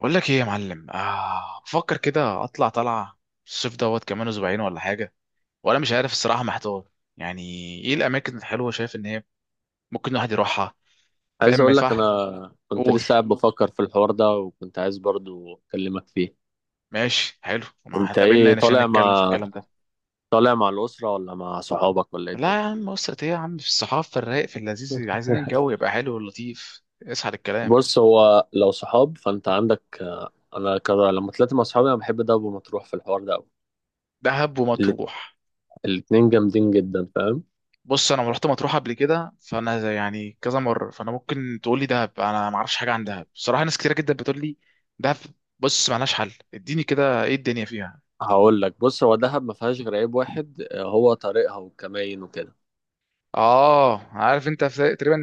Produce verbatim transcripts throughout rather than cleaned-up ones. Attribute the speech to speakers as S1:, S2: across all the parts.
S1: بقول لك ايه يا معلم؟ آه بفكر كده اطلع طلعه الصيف دوت كمان اسبوعين ولا حاجه. وانا مش عارف الصراحه، محتار يعني. ايه الاماكن الحلوه شايف ان هي ممكن الواحد يروحها؟ فاهم
S2: عايز
S1: ما
S2: اقول لك،
S1: يدفع.
S2: انا كنت
S1: قول.
S2: لسه قاعد بفكر في الحوار ده وكنت عايز برضو اكلمك فيه.
S1: ماشي، حلو، ما
S2: انت
S1: هتقابلنا
S2: ايه،
S1: هنا عشان
S2: طالع
S1: نتكلم في
S2: مع
S1: الكلام ده.
S2: طالع مع الاسره ولا مع صحابك ولا ايه
S1: لا يا
S2: الدنيا؟
S1: عم، اسرة ايه يا عم، في الصحافه، في الرايق، في اللذيذ، عايزين الجو يبقى حلو ولطيف، اسحل الكلام.
S2: بص، هو لو صحاب فانت عندك. انا كده لما طلعت مع صحابي انا بحب دهب ومطروح في الحوار ده قوي.
S1: دهب ومطروح؟
S2: الاتنين جامدين جدا، فاهم؟
S1: بص انا رحت مطروح قبل كده، فانا زي- يعني كذا مره، فانا ممكن تقول لي دهب، انا ما اعرفش حاجه عن دهب بصراحه. ناس كتيره جدا بتقول لي دهب. بص، مالهاش حل، اديني كده ايه الدنيا فيها.
S2: هقول لك، بص، هو دهب ما فيهاش غير عيب واحد، آه، هو طريقها والكماين وكده.
S1: اه عارف انت في تقريبا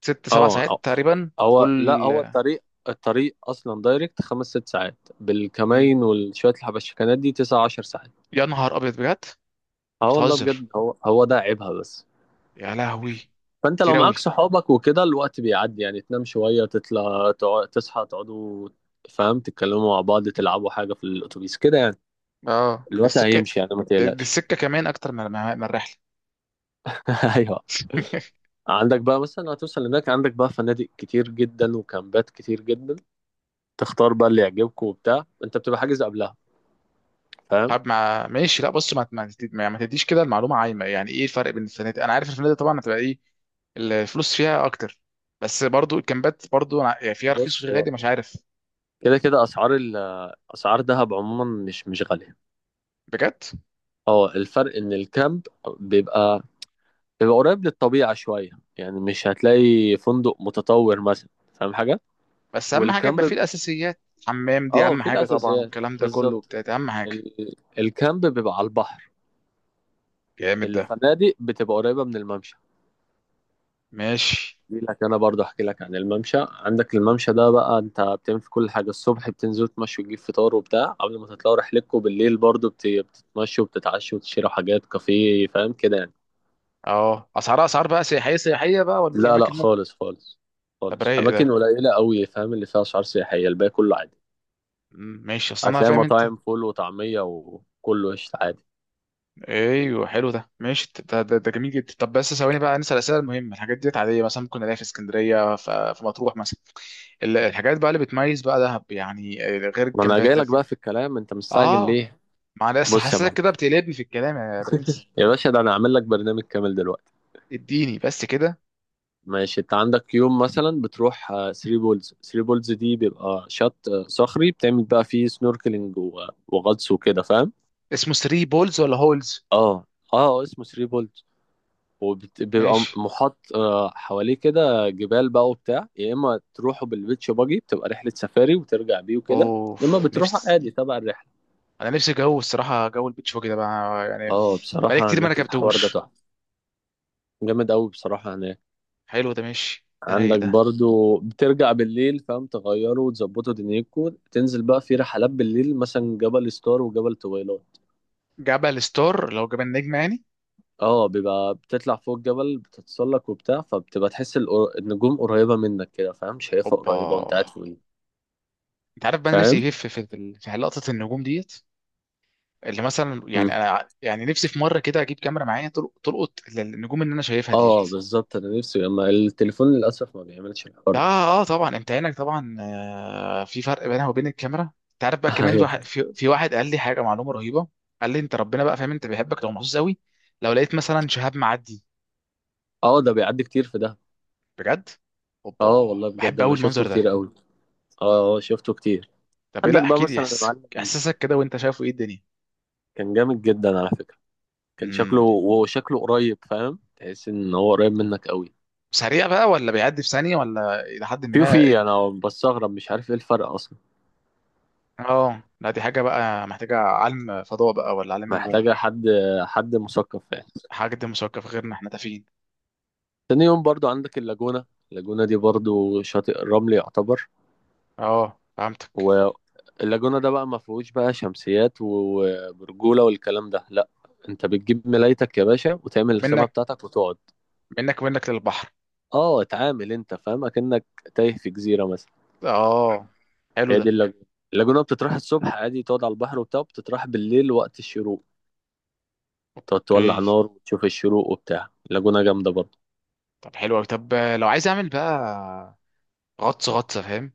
S1: ست سبع
S2: اه،
S1: ساعات
S2: هو
S1: تقريبا
S2: هو- لا،
S1: كل.
S2: هو الطريق. الطريق اصلا دايركت خمس ست ساعات،
S1: مم.
S2: بالكمين وشويه الحبشكنات دي تسعة عشر ساعات.
S1: يا نهار ابيض بجد!
S2: اه والله
S1: بتهزر!
S2: بجد، هو هو ده عيبها بس.
S1: يا لهوي!
S2: فانت لو
S1: كتير اوي.
S2: معاك صحابك وكده الوقت بيعدي، يعني تنام شويه، تطلع تقع- تصحى تقعدوا. فاهم، تتكلموا مع بعض تلعبوا حاجه في الاتوبيس كده يعني،
S1: اه دي
S2: الوقت
S1: السكه،
S2: هيمشي يعني، ما
S1: دي دي
S2: تقلقش.
S1: السكه كمان اكتر من من من الرحله.
S2: ايوه. عندك بقى مثلا هتوصل هناك، عندك بقى فنادق كتير جدا وكامبات كتير جدا، تختار بقى اللي يعجبك وبتاع، انت بتبقى حاجز قبلها، فاهم؟
S1: طب ما ماشي. لا بص، ما ما تدي- ما يعني ما تديش كده المعلومه عايمه. يعني ايه الفرق بين الفنادق؟ انا عارف الفنادق طبعا هتبقى ايه، الفلوس فيها اكتر، بس برضو الكامبات برضو ع- يعني فيها رخيص
S2: بص،
S1: وفيها
S2: هو
S1: غالي، مش عارف.
S2: كده كده اسعار ال- اسعار دهب عموما مش مش غاليه.
S1: بجد؟
S2: اه، الفرق ان الكامب بيبقى بيبقى قريب للطبيعه شويه، يعني مش هتلاقي فندق متطور مثلا، فاهم حاجه.
S1: بس اهم حاجه يبقى فيه
S2: والكامب،
S1: الاساسيات. حمام دي
S2: اه،
S1: اهم
S2: في
S1: حاجه طبعا،
S2: الاساسيات.
S1: والكلام ده كله
S2: بالظبط.
S1: بتاعت اهم حاجه.
S2: ال... الكامب بيبقى على البحر،
S1: جامد ده.
S2: الفنادق بتبقى قريبه من الممشى.
S1: ماشي.
S2: احكي لك، انا برضه احكي لك عن الممشى. عندك الممشى ده بقى، انت بتعمل في كل حاجه: الصبح بتنزل تمشي وتجيب فطار وبتاع، قبل ما تطلعوا رحلتكم بالليل برضه بت- بتتمشوا وبتتعشوا وتشتروا حاجات كافيه، فاهم كده يعني.
S1: اه اسعارها اسعار بقى سياحيه سياحيه بقى، ولا في
S2: لا، لا
S1: اماكن ممكن؟
S2: خالص خالص،
S1: طب
S2: خالص
S1: رايق
S2: اماكن
S1: ده.
S2: قليله قوي فاهم، اللي فيها اسعار سياحيه الباقي كله عادي.
S1: مم، ماشي، اصل انا
S2: هتلاقي
S1: فاهم انت.
S2: مطاعم فول وطعميه وكله قشطه عادي.
S1: ايوه، حلو ده، ماشي ده, ده, ده جميل جدا. طب بس ثواني بقى، نسال الاسئله المهمه. الحاجات ديت عاديه مثلا ممكن الاقيها في اسكندريه ف- في مطروح مثلا. ال- الحاجات بقى اللي بتميز بقى دهب يعني آه، غير
S2: ما انا جاي
S1: الكامبات
S2: لك
S1: ال-
S2: بقى في الكلام، انت مستعجل
S1: اه
S2: ليه؟
S1: معلش،
S2: بص يا
S1: حاسسك
S2: معلم،
S1: كده بتقلبني في الكلام يا برنس.
S2: يا باشا، ده انا هعمل لك برنامج كامل دلوقتي.
S1: اديني بس كده.
S2: ماشي. انت عندك يوم مثلا بتروح ثري بولز. ثري بولز دي بيبقى شط آه، صخري، بتعمل بقى فيه سنوركلينج و- وغطس وكده فاهم.
S1: اسمه ثري بولز ولا هولز؟
S2: اه، اه اسمه ثري بولز. وبيبقى
S1: ماشي.
S2: محاط آه، حواليه كده جبال بقى وبتاع، يا اما تروحوا بالبيتش باجي بتبقى رحلة سفاري وترجع بيه وكده، يا اما
S1: اوف،
S2: بتروحوا
S1: نفسي!
S2: عادي تبع الرحلة.
S1: انا نفسي جو الصراحه، جو البيتش باجي ده بقى يعني.
S2: اه،
S1: بقالي
S2: بصراحة
S1: كتير ما
S2: هناك الحوار ده
S1: ركبتهوش.
S2: تحفة، جامد قوي بصراحة هناك.
S1: حلو ده، ماشي ده، رايق
S2: عندك
S1: ده.
S2: برضو بترجع بالليل، فاهم، تغيره وتظبطه دنيتكو، تنزل بقى في رحلات بالليل مثلا جبل ستار وجبل طويلات.
S1: جبل ستار لو جبل نجم يعني.
S2: اه، بيبقى بتطلع فوق الجبل بتتسلق وبتاع، فبتبقى تحس القر- النجوم قريبة منك كده فاهم، شايفها
S1: اوبا!
S2: قريبة وانت قاعد فوقيه،
S1: انت عارف بقى انا نفسي
S2: فاهم.
S1: ايه في في في في لقطه النجوم ديت، اللي مثلا
S2: مم.
S1: يعني انا يعني نفسي في مره كده اجيب كاميرا معايا تل- تلقط النجوم اللي انا شايفها ديت.
S2: اه، بالظبط. انا نفسي اما التليفون للأسف ما بيعملش
S1: ده
S2: الحوار ده.
S1: اه، آه، طبعا انت عينك طبعا، آه، في فرق بينها وبين الكاميرا. انت عارف بقى كمان
S2: ايوه.
S1: واحد، في, في واحد قال لي حاجه معلومه رهيبه. قال لي انت ربنا بقى فاهم، انت بيحبك لو محظوظ قوي لو لقيت مثلا شهاب معدي.
S2: اه، ده بيعدي كتير في ده.
S1: بجد؟
S2: اه
S1: اوبا،
S2: والله بجد،
S1: بحب
S2: انا
S1: قوي
S2: شفته
S1: المنظر ده.
S2: كتير قوي. اه، آه، شفته كتير.
S1: طب ايه،
S2: عندك
S1: لا
S2: بقى
S1: احكي لي
S2: مثلا يا
S1: احساسك،
S2: معلم،
S1: احساسك كده وانت شايفه ايه الدنية.
S2: كان جامد جدا على فكرة. كان شكله
S1: امم.
S2: وشكله قريب، فاهم، تحس ان هو قريب منك قوي.
S1: سريع بقى ولا بيعدي في ثانيه ولا الى حد ما؟
S2: فيوفي، انا بستغرب، مش عارف ايه الفرق اصلا.
S1: اه لا، دي حاجة بقى محتاجة علم فضاء بقى ولا علم نجوم.
S2: محتاجه حد حد مثقف يعني.
S1: حاجة دي مثقفة، غيرنا احنا تافهين.
S2: تاني يوم برضو عندك اللاجونة. اللاجونة دي برضو شاطئ الرمل يعتبر،
S1: اه فهمتك.
S2: واللاجونة ده بقى ما فيهوش بقى شمسيات وبرجولة والكلام ده، لا. انت بتجيب ملايتك يا باشا وتعمل الخيمة
S1: ومنك،
S2: بتاعتك وتقعد.
S1: منك منك للبحر.
S2: اه، اتعامل انت فاهم اكنك تايه في جزيرة مثلا.
S1: اه، حلو
S2: هي
S1: ده.
S2: دي اللاجونة. اللاجونة بتتراح الصبح عادي تقعد على البحر وبتاع، بتتراح بالليل وقت الشروق، تقعد تولع
S1: اوكي.
S2: نار وتشوف الشروق وبتاع. لاجونا جامدة برضه.
S1: طب حلو أوي. طب لو عايز اعمل بقى غطس، غطسة فاهم.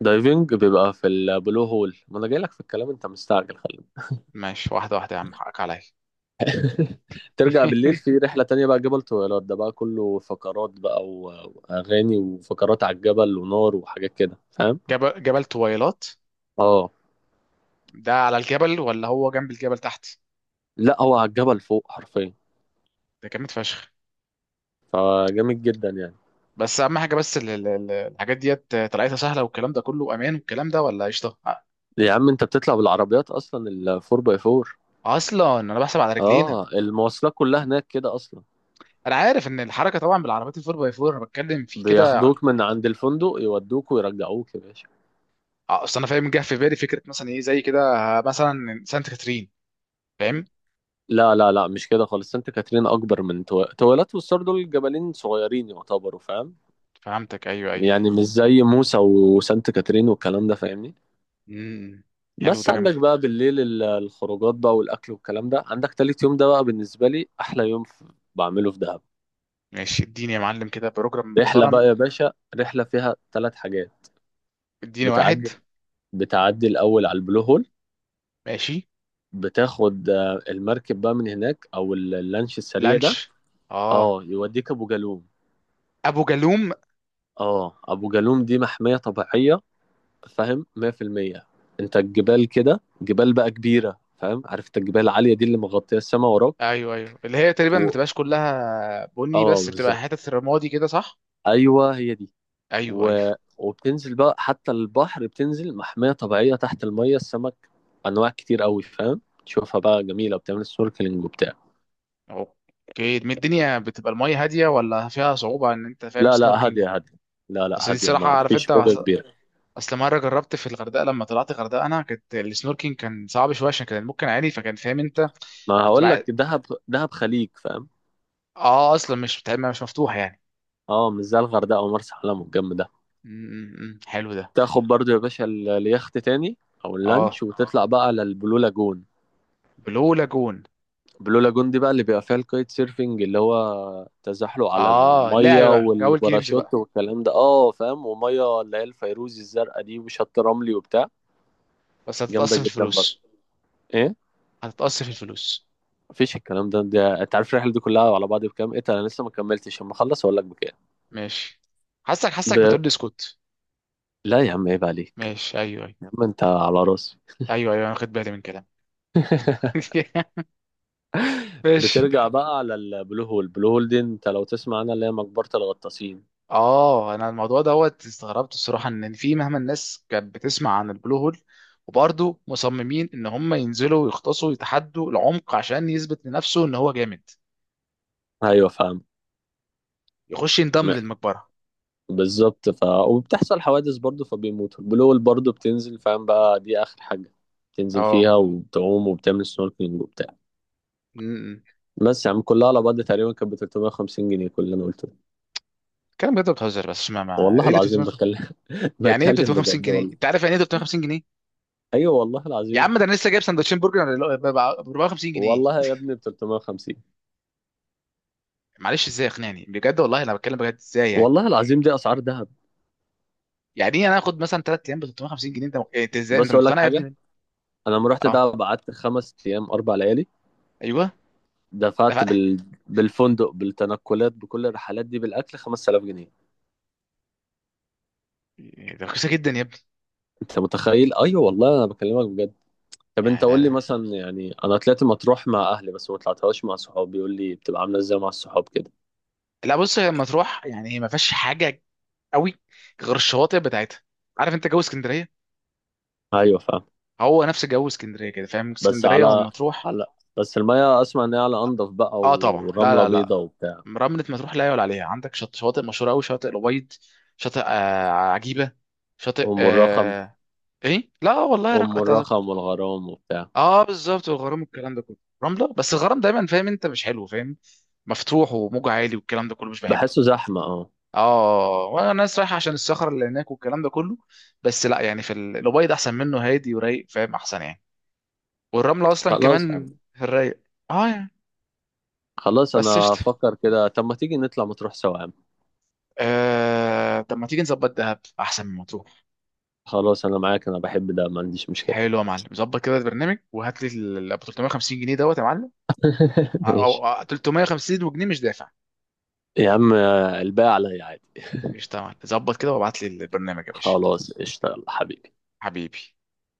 S2: دايفنج بيبقى في البلو هول. ما انا جاي لك في الكلام، انت مستعجل، خلي بالك.
S1: ماشي، واحدة واحدة يا عم، حقك عليا.
S2: ترجع بالليل في رحلة تانية بقى، جبل طويلات ده بقى كله فقرات بقى و- واغاني وفقرات على الجبل ونار وحاجات كده فاهم.
S1: جبل جبل طويلات
S2: اه،
S1: ده على الجبل ولا هو جنب الجبل تحت؟
S2: لا، هو على الجبل فوق حرفيا،
S1: ده جامد فشخ.
S2: فجامد جدا يعني.
S1: بس اهم حاجة بس ال- ال- ال- الحاجات ديت طلعتها سهلة، والكلام ده كله امان والكلام ده، ولا قشطة أ-
S2: يا عم انت بتطلع بالعربيات اصلا ال فور باي فور.
S1: اصلا انا بحسب على رجلينا.
S2: اه، المواصلات كلها هناك كده اصلا،
S1: انا عارف ان الحركه طبعا بالعربيات الفور باي فور، انا بتكلم في كده.
S2: بياخدوك من عند الفندق يودوك ويرجعوك يا باشا.
S1: آه، اصل انا فاهم، جه في بالي فكره مثلا ايه زي كده، آه، مثلا سانت كاترين، فاهم.
S2: لا، لا، لا، مش كده خالص. سانت كاترين اكبر من تو... تويلات، والسور دول جبلين صغيرين يعتبروا فاهم،
S1: فهمتك، ايوه ايوه.
S2: يعني مش زي موسى وسانت كاترين والكلام ده، فاهمني.
S1: امم. حلو
S2: بس
S1: ده، جامد
S2: عندك
S1: جدا.
S2: بقى بالليل ال- الخروجات بقى والاكل والكلام ده، عندك تالت يوم ده بقى بالنسبه لي احلى يوم في... بعمله في دهب.
S1: ماشي، اديني يا معلم كده بروجرام
S2: رحله
S1: محترم.
S2: بقى يا باشا، رحله فيها ثلاث حاجات.
S1: اديني واحد.
S2: بتعدي بتعدي الاول على البلو هول،
S1: ماشي.
S2: بتاخد آه، المركب بقى من هناك او اللانش السريع ده.
S1: لانش. اه.
S2: اه، يوديك ابو جالوم.
S1: ابو جالوم.
S2: اه، ابو جالوم دي محميه طبيعيه، فاهم، مية في المية. انت الجبال كده، جبال بقى كبيره فاهم، عارف انت الجبال العاليه دي اللي مغطيه السما وراك.
S1: ايوه ايوه، اللي هي تقريبا ما
S2: و...
S1: بتبقاش كلها بني،
S2: اه
S1: بس بتبقى
S2: بالظبط،
S1: حتت رمادي كده، صح؟
S2: ايوه هي دي.
S1: ايوه ايوه.
S2: و... وبتنزل بقى حتى البحر، بتنزل محميه طبيعيه، تحت الميه السمك انواع كتير قوي فاهم، تشوفها بقى جميله وبتعمل سنوركلينج وبتاع.
S1: اوكي، دي الدنيا بتبقى الميه هاديه ولا فيها صعوبه ان انت فاهم
S2: لا، لا،
S1: سنوركينج؟
S2: هاديه هاديه. لا،
S1: اصل
S2: لا
S1: دي
S2: هاديه،
S1: الصراحه
S2: ما
S1: عارف انت،
S2: فيش موجه كبيره.
S1: اصل مره جربت في الغردقه، لما طلعت الغردقه انا كانت السنوركينج كان صعب شويه عشان كان ممكن عالي، فكان فاهم انت.
S2: ما هقول
S1: تبقى عايز-
S2: لك، دهب دهب خليج فاهم.
S1: اه اصلا مش بتاع- مش مفتوح يعني.
S2: اه، مش زي الغردقه ومرسى علم والجنب ده.
S1: امم، حلو ده.
S2: تاخد برضو يا باشا ال- اليخت تاني، او
S1: اه.
S2: اللانش وتطلع بقى على البلو لاجون.
S1: بلو لاجون.
S2: البلو لاجون دي بقى اللي بيبقى فيها الكايت سيرفنج، اللي هو تزحلق على
S1: اه، لعب
S2: المية
S1: بقى جو الجيمز
S2: والباراشوت
S1: بقى.
S2: والكلام ده، اه فاهم، ومية اللي هي الفيروزي الزرقاء دي وشط رملي وبتاع.
S1: بس
S2: جامدة
S1: هتتقص في
S2: جدا برضه.
S1: الفلوس.
S2: ايه،
S1: هتتقص في الفلوس.
S2: مفيش الكلام ده ده انت عارف الرحلة دي كلها على بعض بكام، ايه ده، انا لسه ما كملتش، اما اخلص اقول لك بكام.
S1: ماشي. حاسك، حاسك
S2: ده،
S1: بتقول لي اسكت.
S2: لا يا عم، عيب عليك.
S1: ماشي، ايوه ايوه.
S2: يا عم انت على راسي.
S1: ايوه ايوه، انا واخد بالي من كلامك. ماشي.
S2: بترجع بقى على البلو هول. البلو هول دي انت لو تسمع عنها اللي هي مقبرة الغطاسين،
S1: اه انا الموضوع دوت استغربت الصراحه، ان في مهما الناس كانت بتسمع عن البلو هول، وبرضه مصممين ان هم ينزلوا ويغطسوا ويتحدوا العمق عشان يثبت لنفسه ان هو جامد،
S2: ايوه فاهم.
S1: يخش ينضم
S2: م-
S1: للمقبره.
S2: بالظبط. ف وبتحصل حوادث برضو فبيموتوا. البلوول برضو بتنزل فاهم بقى، دي اخر حاجه بتنزل
S1: اه.
S2: فيها، وبتعوم وبتعمل سنوركلينج وبتاع.
S1: امم.
S2: بس يا عم، كلها على بعض تقريبا كانت ب تلتمية وخمسين جنيه، كل اللي انا قلته ده.
S1: كلام بجد؟ بتهزر! بس ما, ما ايه
S2: والله
S1: اللي
S2: العظيم
S1: تلتمية وخمسين؟
S2: بتكلم.
S1: يعني ايه
S2: بتكلم
S1: 350
S2: بجد
S1: جنيه
S2: والله.
S1: انت عارف يعني ايه تلتمية وخمسين جنيه؟
S2: ايوه والله
S1: يا
S2: العظيم.
S1: عم ده انا لسه جايب سندوتشين برجر ب اربعمية وخمسين جنيه!
S2: والله يا ابني ب تلتمية وخمسين.
S1: معلش، ازاي اقنعني بجد، والله انا بتكلم بجد، ازاي يعني؟
S2: والله العظيم، دي اسعار دهب.
S1: يعني ايه انا اخد مثلا ثلاثة ايام ب تلتمية وخمسين جنيه، انت انت ازاي انت
S2: بس اقول لك
S1: مقتنع يا
S2: حاجه:
S1: ابني؟
S2: انا لما رحت
S1: اه.
S2: دهب قعدت خمس ايام اربع ليالي،
S1: ايوه.
S2: دفعت بال... بالفندق بالتنقلات بكل الرحلات دي بالاكل خمسة آلاف جنيه،
S1: يعني ده رخيصه جدا يا ابني.
S2: انت متخيل. ايوه والله انا بكلمك بجد. طب انت
S1: يعني ده
S2: قول لي
S1: ده
S2: مثلا يعني، انا طلعت مطروح مع اهلي بس ما طلعتهاش مع صحابي، يقول لي بتبقى عامله ازاي مع الصحاب كده.
S1: لا، بص لما تروح، يعني هي ما فيهاش حاجه قوي غير الشواطئ بتاعتها. عارف انت جو اسكندريه؟
S2: ايوه فاهم.
S1: هو نفس جو اسكندريه كده، فاهم
S2: بس
S1: اسكندريه
S2: على،
S1: وما تروح.
S2: على بس الميه اسمع ان هي على انضف بقى،
S1: اه طبعا. لا
S2: ورمله
S1: لا لا،
S2: بيضه وبتاع.
S1: رمله ما تروح لا يعلى عليها. عندك شط شواطئ مشهوره قوي، شاطئ الابيض، شاطئ آه عجيبه، شاطئ
S2: ام الرخم.
S1: آه ايه، لا والله
S2: ام
S1: رق... أتعرف-
S2: الرخم والغرام وبتاع.
S1: اه بالظبط، والغرام والكلام ده كله. رمله، بس الغرام دايما فاهم انت مش حلو، فاهم، مفتوح وموج عالي والكلام ده كله، مش بحبه.
S2: بحسه زحمه، اه.
S1: اه وانا الناس رايحه عشان الصخر اللي هناك والكلام ده كله، بس لا يعني في ال- الابيض احسن منه، هادي ورايق، فاهم، احسن يعني. والرمله اصلا
S2: خلاص
S1: كمان
S2: يعني.
S1: في الرايق. اه يعني.
S2: خلاص
S1: بس
S2: انا
S1: قشطه.
S2: افكر كده، طب ما تيجي نطلع مطروح سوا يا عم.
S1: آه، طب ما تيجي نظبط دهب احسن من مطروح.
S2: خلاص انا معاك، انا بحب ده، ما عنديش مشكله.
S1: حلو يا معلم، ظبط كده البرنامج، وهات لي ال ال- تلتمية وخمسين جنيه دوت يا معلم.
S2: ماشي.
S1: او أو- تلتمية وخمسين جنيه مش دافع.
S2: يا عم، الباقي عليا عادي.
S1: قشطه يا معلم، ظبط كده وابعت لي البرنامج يا باشا.
S2: خلاص، اشتغل حبيبي.
S1: حبيبي.